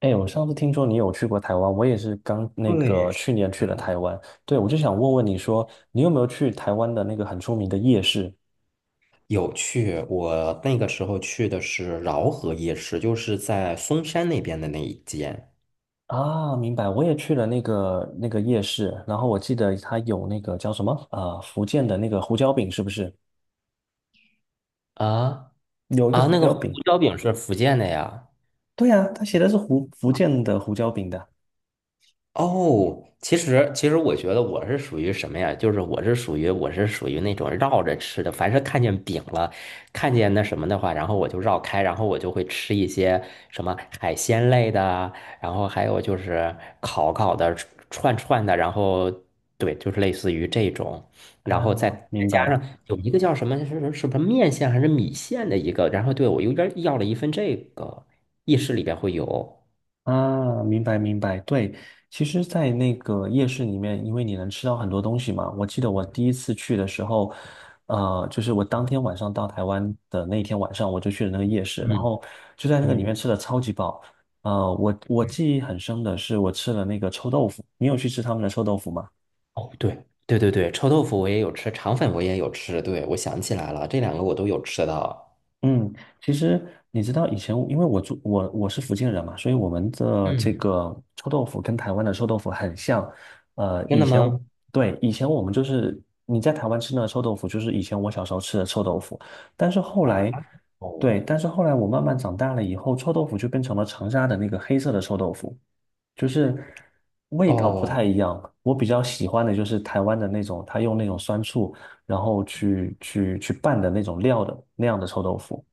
哎，我上次听说你有去过台湾，我也是刚对，是去年去了台湾。对，我就想问问你说，你有没有去台湾的那个很出名的夜市有去。我那个时候去的是饶河夜市，就是在嵩山那边的那一间。啊？明白，我也去了那个夜市，然后我记得它有那个叫什么啊、福建的那个胡椒饼是不是？啊有一个啊，胡那个椒胡饼，椒饼是福建的呀。对啊，它写的是福建的胡椒饼的哦，其实我觉得我是属于什么呀？就是我是属于那种绕着吃的，凡是看见饼了，看见那什么的话，然后我就绕开，然后我就会吃一些什么海鲜类的啊，然后还有就是烤烤的、串串的，然后对，就是类似于这种，然后再啊，再明加白。上有一个叫什么是什么面线还是米线的一个，然后对我有点要了一份这个，意式里边会有，啊，明白明白，对，其实，在那个夜市里面，因为你能吃到很多东西嘛。我记得我第一次去的时候，就是我当天晚上到台湾的那一天晚上，我就去了那个夜市，然嗯后就在那个里面嗯。吃的超级饱。我记忆很深的是，我吃了那个臭豆腐。你有去吃他们的臭豆腐吗？哦，对对对对，臭豆腐我也有吃，肠粉我也有吃。对，我想起来了，这两个我都有吃到。嗯，其实你知道以前，因为我住我我是福建人嘛，所以我们的这嗯，个臭豆腐跟台湾的臭豆腐很像。呃，真以的前吗？对，以前我们就是你在台湾吃的臭豆腐，就是以前我小时候吃的臭豆腐。但是后啊，来，对，哦但是后来我慢慢长大了以后，臭豆腐就变成了长沙的那个黑色的臭豆腐，就是味道不太哦，一样。我比较喜欢的就是台湾的那种，他用那种酸醋，然后去拌的那种料的那样的臭豆腐。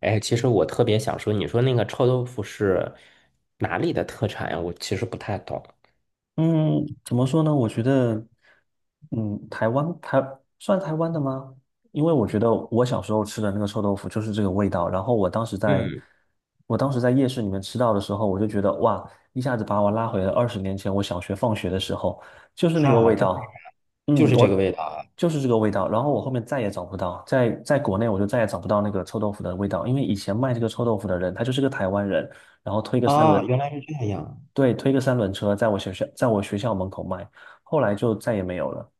哎，其实我特别想说，你说那个臭豆腐是哪里的特产呀？我其实不太懂。嗯，怎么说呢？我觉得，嗯，台湾台算台湾的吗？因为我觉得我小时候吃的那个臭豆腐就是这个味道。然后嗯，我当时在夜市里面吃到的时候，我就觉得哇，一下子把我拉回了20年前我小学放学的时候，就是那个哈，味真的道。就嗯，是这个味我道啊！就是这个味道。然后我后面再也找不到，在国内我就再也找不到那个臭豆腐的味道，因为以前卖这个臭豆腐的人他就是个台湾人。然后推个三啊，轮，原来是这样。对，推个三轮车，在我学校门口卖，后来就再也没有了。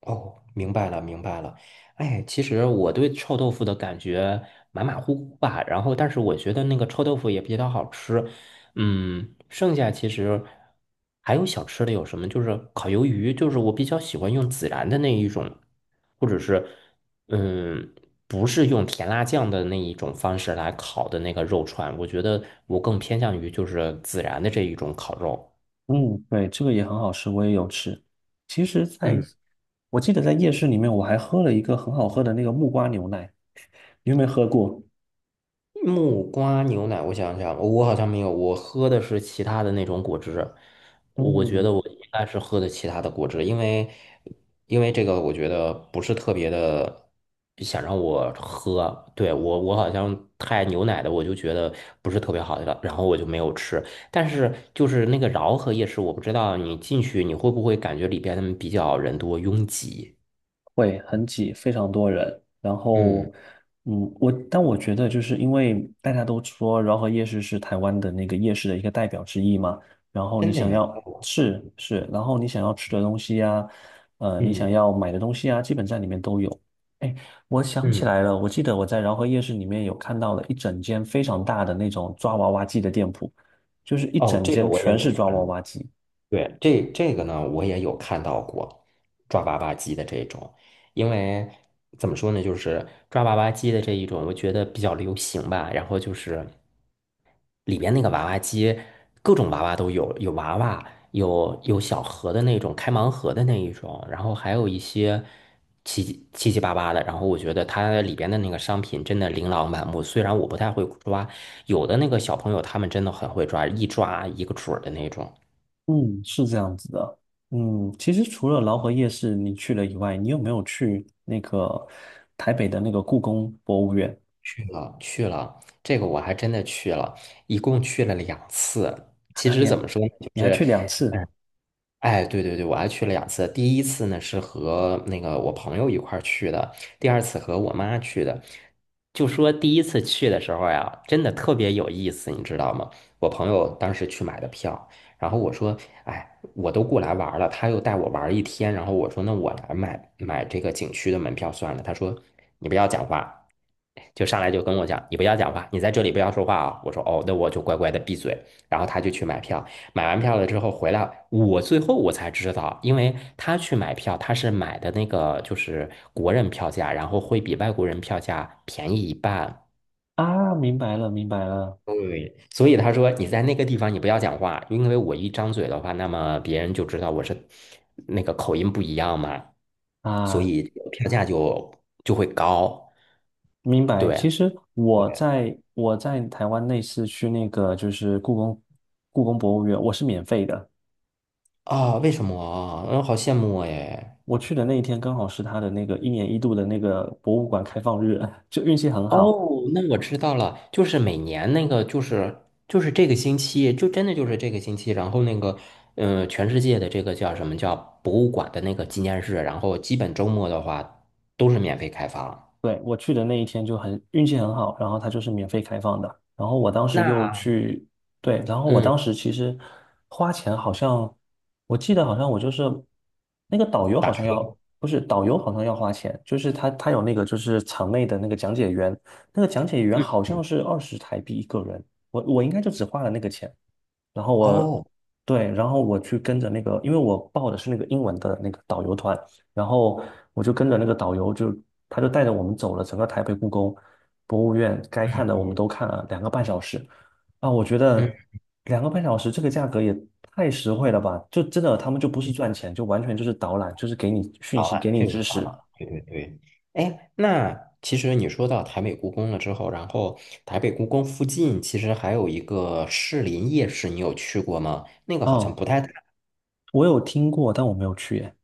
哦，明白了，明白了。哎，其实我对臭豆腐的感觉马马虎虎吧，然后但是我觉得那个臭豆腐也比较好吃。嗯，剩下其实还有小吃的有什么？就是烤鱿鱼，就是我比较喜欢用孜然的那一种，或者是嗯，不是用甜辣酱的那一种方式来烤的那个肉串，我觉得我更偏向于就是孜然的这一种烤肉。嗯，对，这个也很好吃，我也有吃。其实在，嗯。我记得在夜市里面，我还喝了一个很好喝的那个木瓜牛奶，你有没有喝过？木瓜牛奶，我想想，我好像没有，我喝的是其他的那种果汁。我觉得嗯，我应该是喝的其他的果汁，因为这个我觉得不是特别的想让我喝。对，我好像太牛奶的，我就觉得不是特别好的，然后我就没有吃。但是就是那个饶河夜市，我不知道你进去你会不会感觉里边比较人多拥挤？会很挤，非常多人。然嗯，后，但我觉得就是因为大家都说饶河夜市是台湾的那个夜市的一个代表之一嘛，然后你真的想呀，要是是，然后你想要吃的东西呀、你想嗯要买的东西啊，基本在里面都有。哎，我想起嗯，来了，我记得我在饶河夜市里面有看到了一整间非常大的那种抓娃娃机的店铺，就是一哦，整这个间我也全有是抓看娃到。娃机。对，这个呢，我也有看到过抓娃娃机的这种，因为怎么说呢，就是抓娃娃机的这一种，我觉得比较流行吧。然后就是里边那个娃娃机，各种娃娃都有，有娃娃，有小盒的那种，开盲盒的那一种，然后还有一些七七七八八的。然后我觉得它里边的那个商品真的琳琅满目，虽然我不太会抓，有的那个小朋友他们真的很会抓，一抓一个准儿的那种。嗯，是这样子的。其实除了劳合夜市你去了以外，你有没有去那个台北的那个故宫博物院？去了，去了，这个我还真的去了，一共去了两次。其啊，你实怎还么说呢，就你还是去嗯，两次哎，对对对，我还去了两次。第一次呢是和那个我朋友一块儿去的，第二次和我妈去的。就说第一次去的时候呀，真的特别有意思，你知道吗？我朋友当时去买的票，然后我说，哎，我都过来玩儿了，他又带我玩儿一天，然后我说，那我来买买这个景区的门票算了。他说，你不要讲话，就上来就跟我讲，你不要讲话，你在这里不要说话啊。我说，哦，那我就乖乖的闭嘴。然后他就去买票。买完票了之后回来，我最后我才知道，因为他去买票，他是买的那个就是国人票价，然后会比外国人票价便宜一半。啊？明白了，明白了对，所以他说你在那个地方你不要讲话，因为我一张嘴的话，那么别人就知道我是那个口音不一样嘛，所啊，以票价就会高。明白。其对，实我对在我在台湾那次去那个就是故宫博物院，我是免费的。啊，为什么啊？嗯，好羡慕哎。我去的那一天刚好是他的那个一年一度的那个博物馆开放日，就运气很好。哦，那我知道了，就是每年那个，就是这个星期，就真的就是这个星期，然后那个，全世界的这个叫什么叫博物馆的那个纪念日，然后基本周末的话都是免费开放。对，我去的那一天就很运气很好，然后它就是免费开放的。然后我当时又那去，对，然后我嗯，当时其实花钱好像，我记得好像我就是那个导游好打像车，要，不是导游好像要花钱，就是他有那个就是场内的那个讲解员，那个讲解员嗯好像嗯，是20台币一个人，我应该就只花了那个钱。然后哦，对，然后我去跟着那个，因为我报的是那个英文的那个导游团，然后我就跟着那个导游就，他就带着我们走了整个台北故宫博物院，该看的我们嗯都看了两个半小时。啊，我觉嗯，得两个半小时这个价格也太实惠了吧！就真的他们就不是赚钱，就完全就是导览，就是给你讯好息，给了，你这个知好识。了，对对对，哎，那其实你说到台北故宫了之后，然后台北故宫附近其实还有一个士林夜市，你有去过吗？那个好像哦，不太。我有听过，但我没有去耶。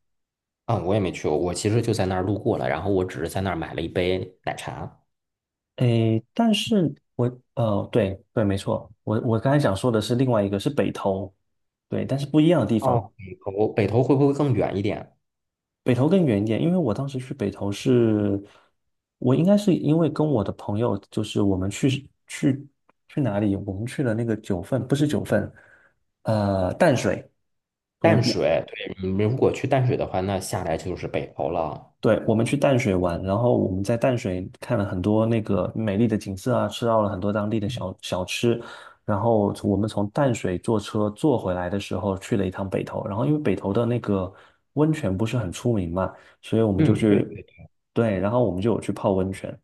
啊，我也没去过，我其实就在那儿路过了，然后我只是在那儿买了一杯奶茶。诶，但是我呃，对对，没错，我刚才想说的是另外一个是北投，对，但是不一样的地哦，方，北头会不会更远一点？北投更远一点，因为我当时去北投是，我应该是因为跟我的朋友，就是我们去去去哪里，我们去了那个九份，不是九份，淡水，我淡我水，对，你们如果去淡水的话，那下来就是北头了。对，我们去淡水玩，然后我们在淡水看了很多那个美丽的景色啊，吃到了很多当地的嗯，小吃，然后从我们从淡水坐车坐回来的时候去了一趟北投，然后因为北投的那个温泉不是很出名嘛，所以我们就嗯，对，去，对，然后我们就有去泡温泉，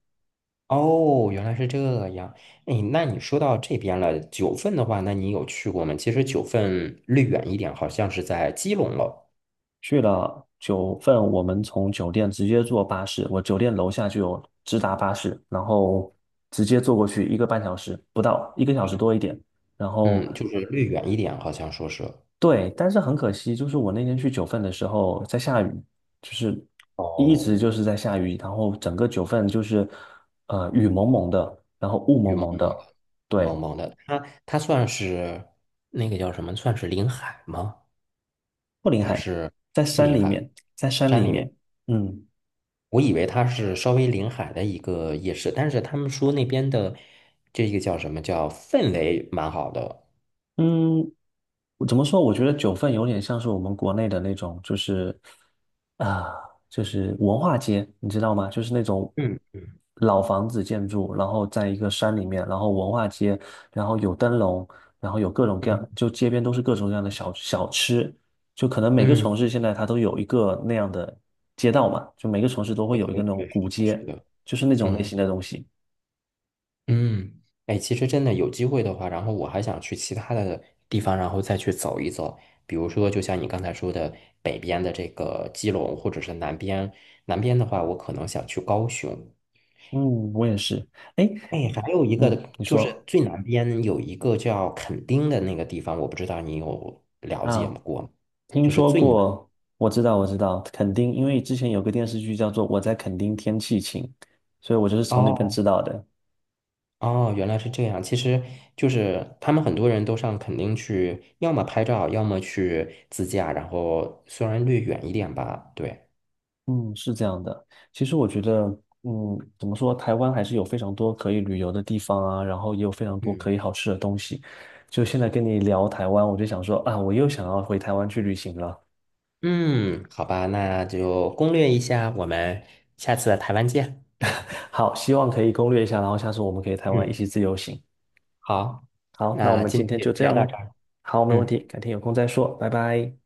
哦，原来是这样。哎，那你说到这边了，九份的话，那你有去过吗？其实九份略远一点，好像是在基隆了。去了九份，我们从酒店直接坐巴士，我酒店楼下就有直达巴士，然后直接坐过去1个半小时不到，1个小时多一点。然后嗯，就是略远一点，好像说是。对，但是很可惜，就是我那天去九份的时候在下雨，就是一直哦，就是在下雨，然后整个九份就是雨蒙蒙的，然后雾雨蒙蒙蒙蒙。的，对，萌萌的，它算是那个叫什么？算是临海吗？不临还海，是在不山临里海？面，在山山里里面？面，嗯我以为它是稍微临海的一个夜市，但是他们说那边的这个叫什么叫氛围蛮好的。嗯，我怎么说？我觉得九份有点像是我们国内的那种，就是啊、就是文化街，你知道吗？就是那种嗯老房子建筑，然后在一个山里面，然后文化街，然后有灯笼，然后有各种各嗯样，就街边都是各种各样的小吃，就可能每个嗯，城市现在它都有一个那样的街道嘛，就每个城市都会有一个那种对，是古的，街，是的就是那种类嗯。型的东西。嗯，哎，其实真的有机会的话，然后我还想去其他的地方，然后再去走一走。比如说，就像你刚才说的，北边的这个基隆，或者是南边。南边的话，我可能想去高雄。嗯，我也是。哎，哎，还有一嗯，个你就是说最南边有一个叫垦丁的那个地方，我不知道你有了解啊？吗过吗？听就是说最南。过，我知道，我知道，垦丁，因为之前有个电视剧叫做《我在垦丁天气晴》，所以我就是从那边哦知道的。哦，原来是这样。其实就是他们很多人都上垦丁去，要么拍照，要么去自驾，然后虽然略远一点吧，对。嗯，是这样的。其实我觉得，嗯，怎么说，台湾还是有非常多可以旅游的地方啊，然后也有非常多嗯可以好吃的东西。就现在跟你聊台湾，我就想说啊，我又想要回台湾去旅行了。嗯，好吧，那就攻略一下，我们下次台湾见。好，希望可以攻略一下，然后下次我们可以台湾一嗯，起自由行。好，好，那我那们今今天天就就先这聊样到这喽。儿。好，没问嗯。题，改天有空再说，拜拜。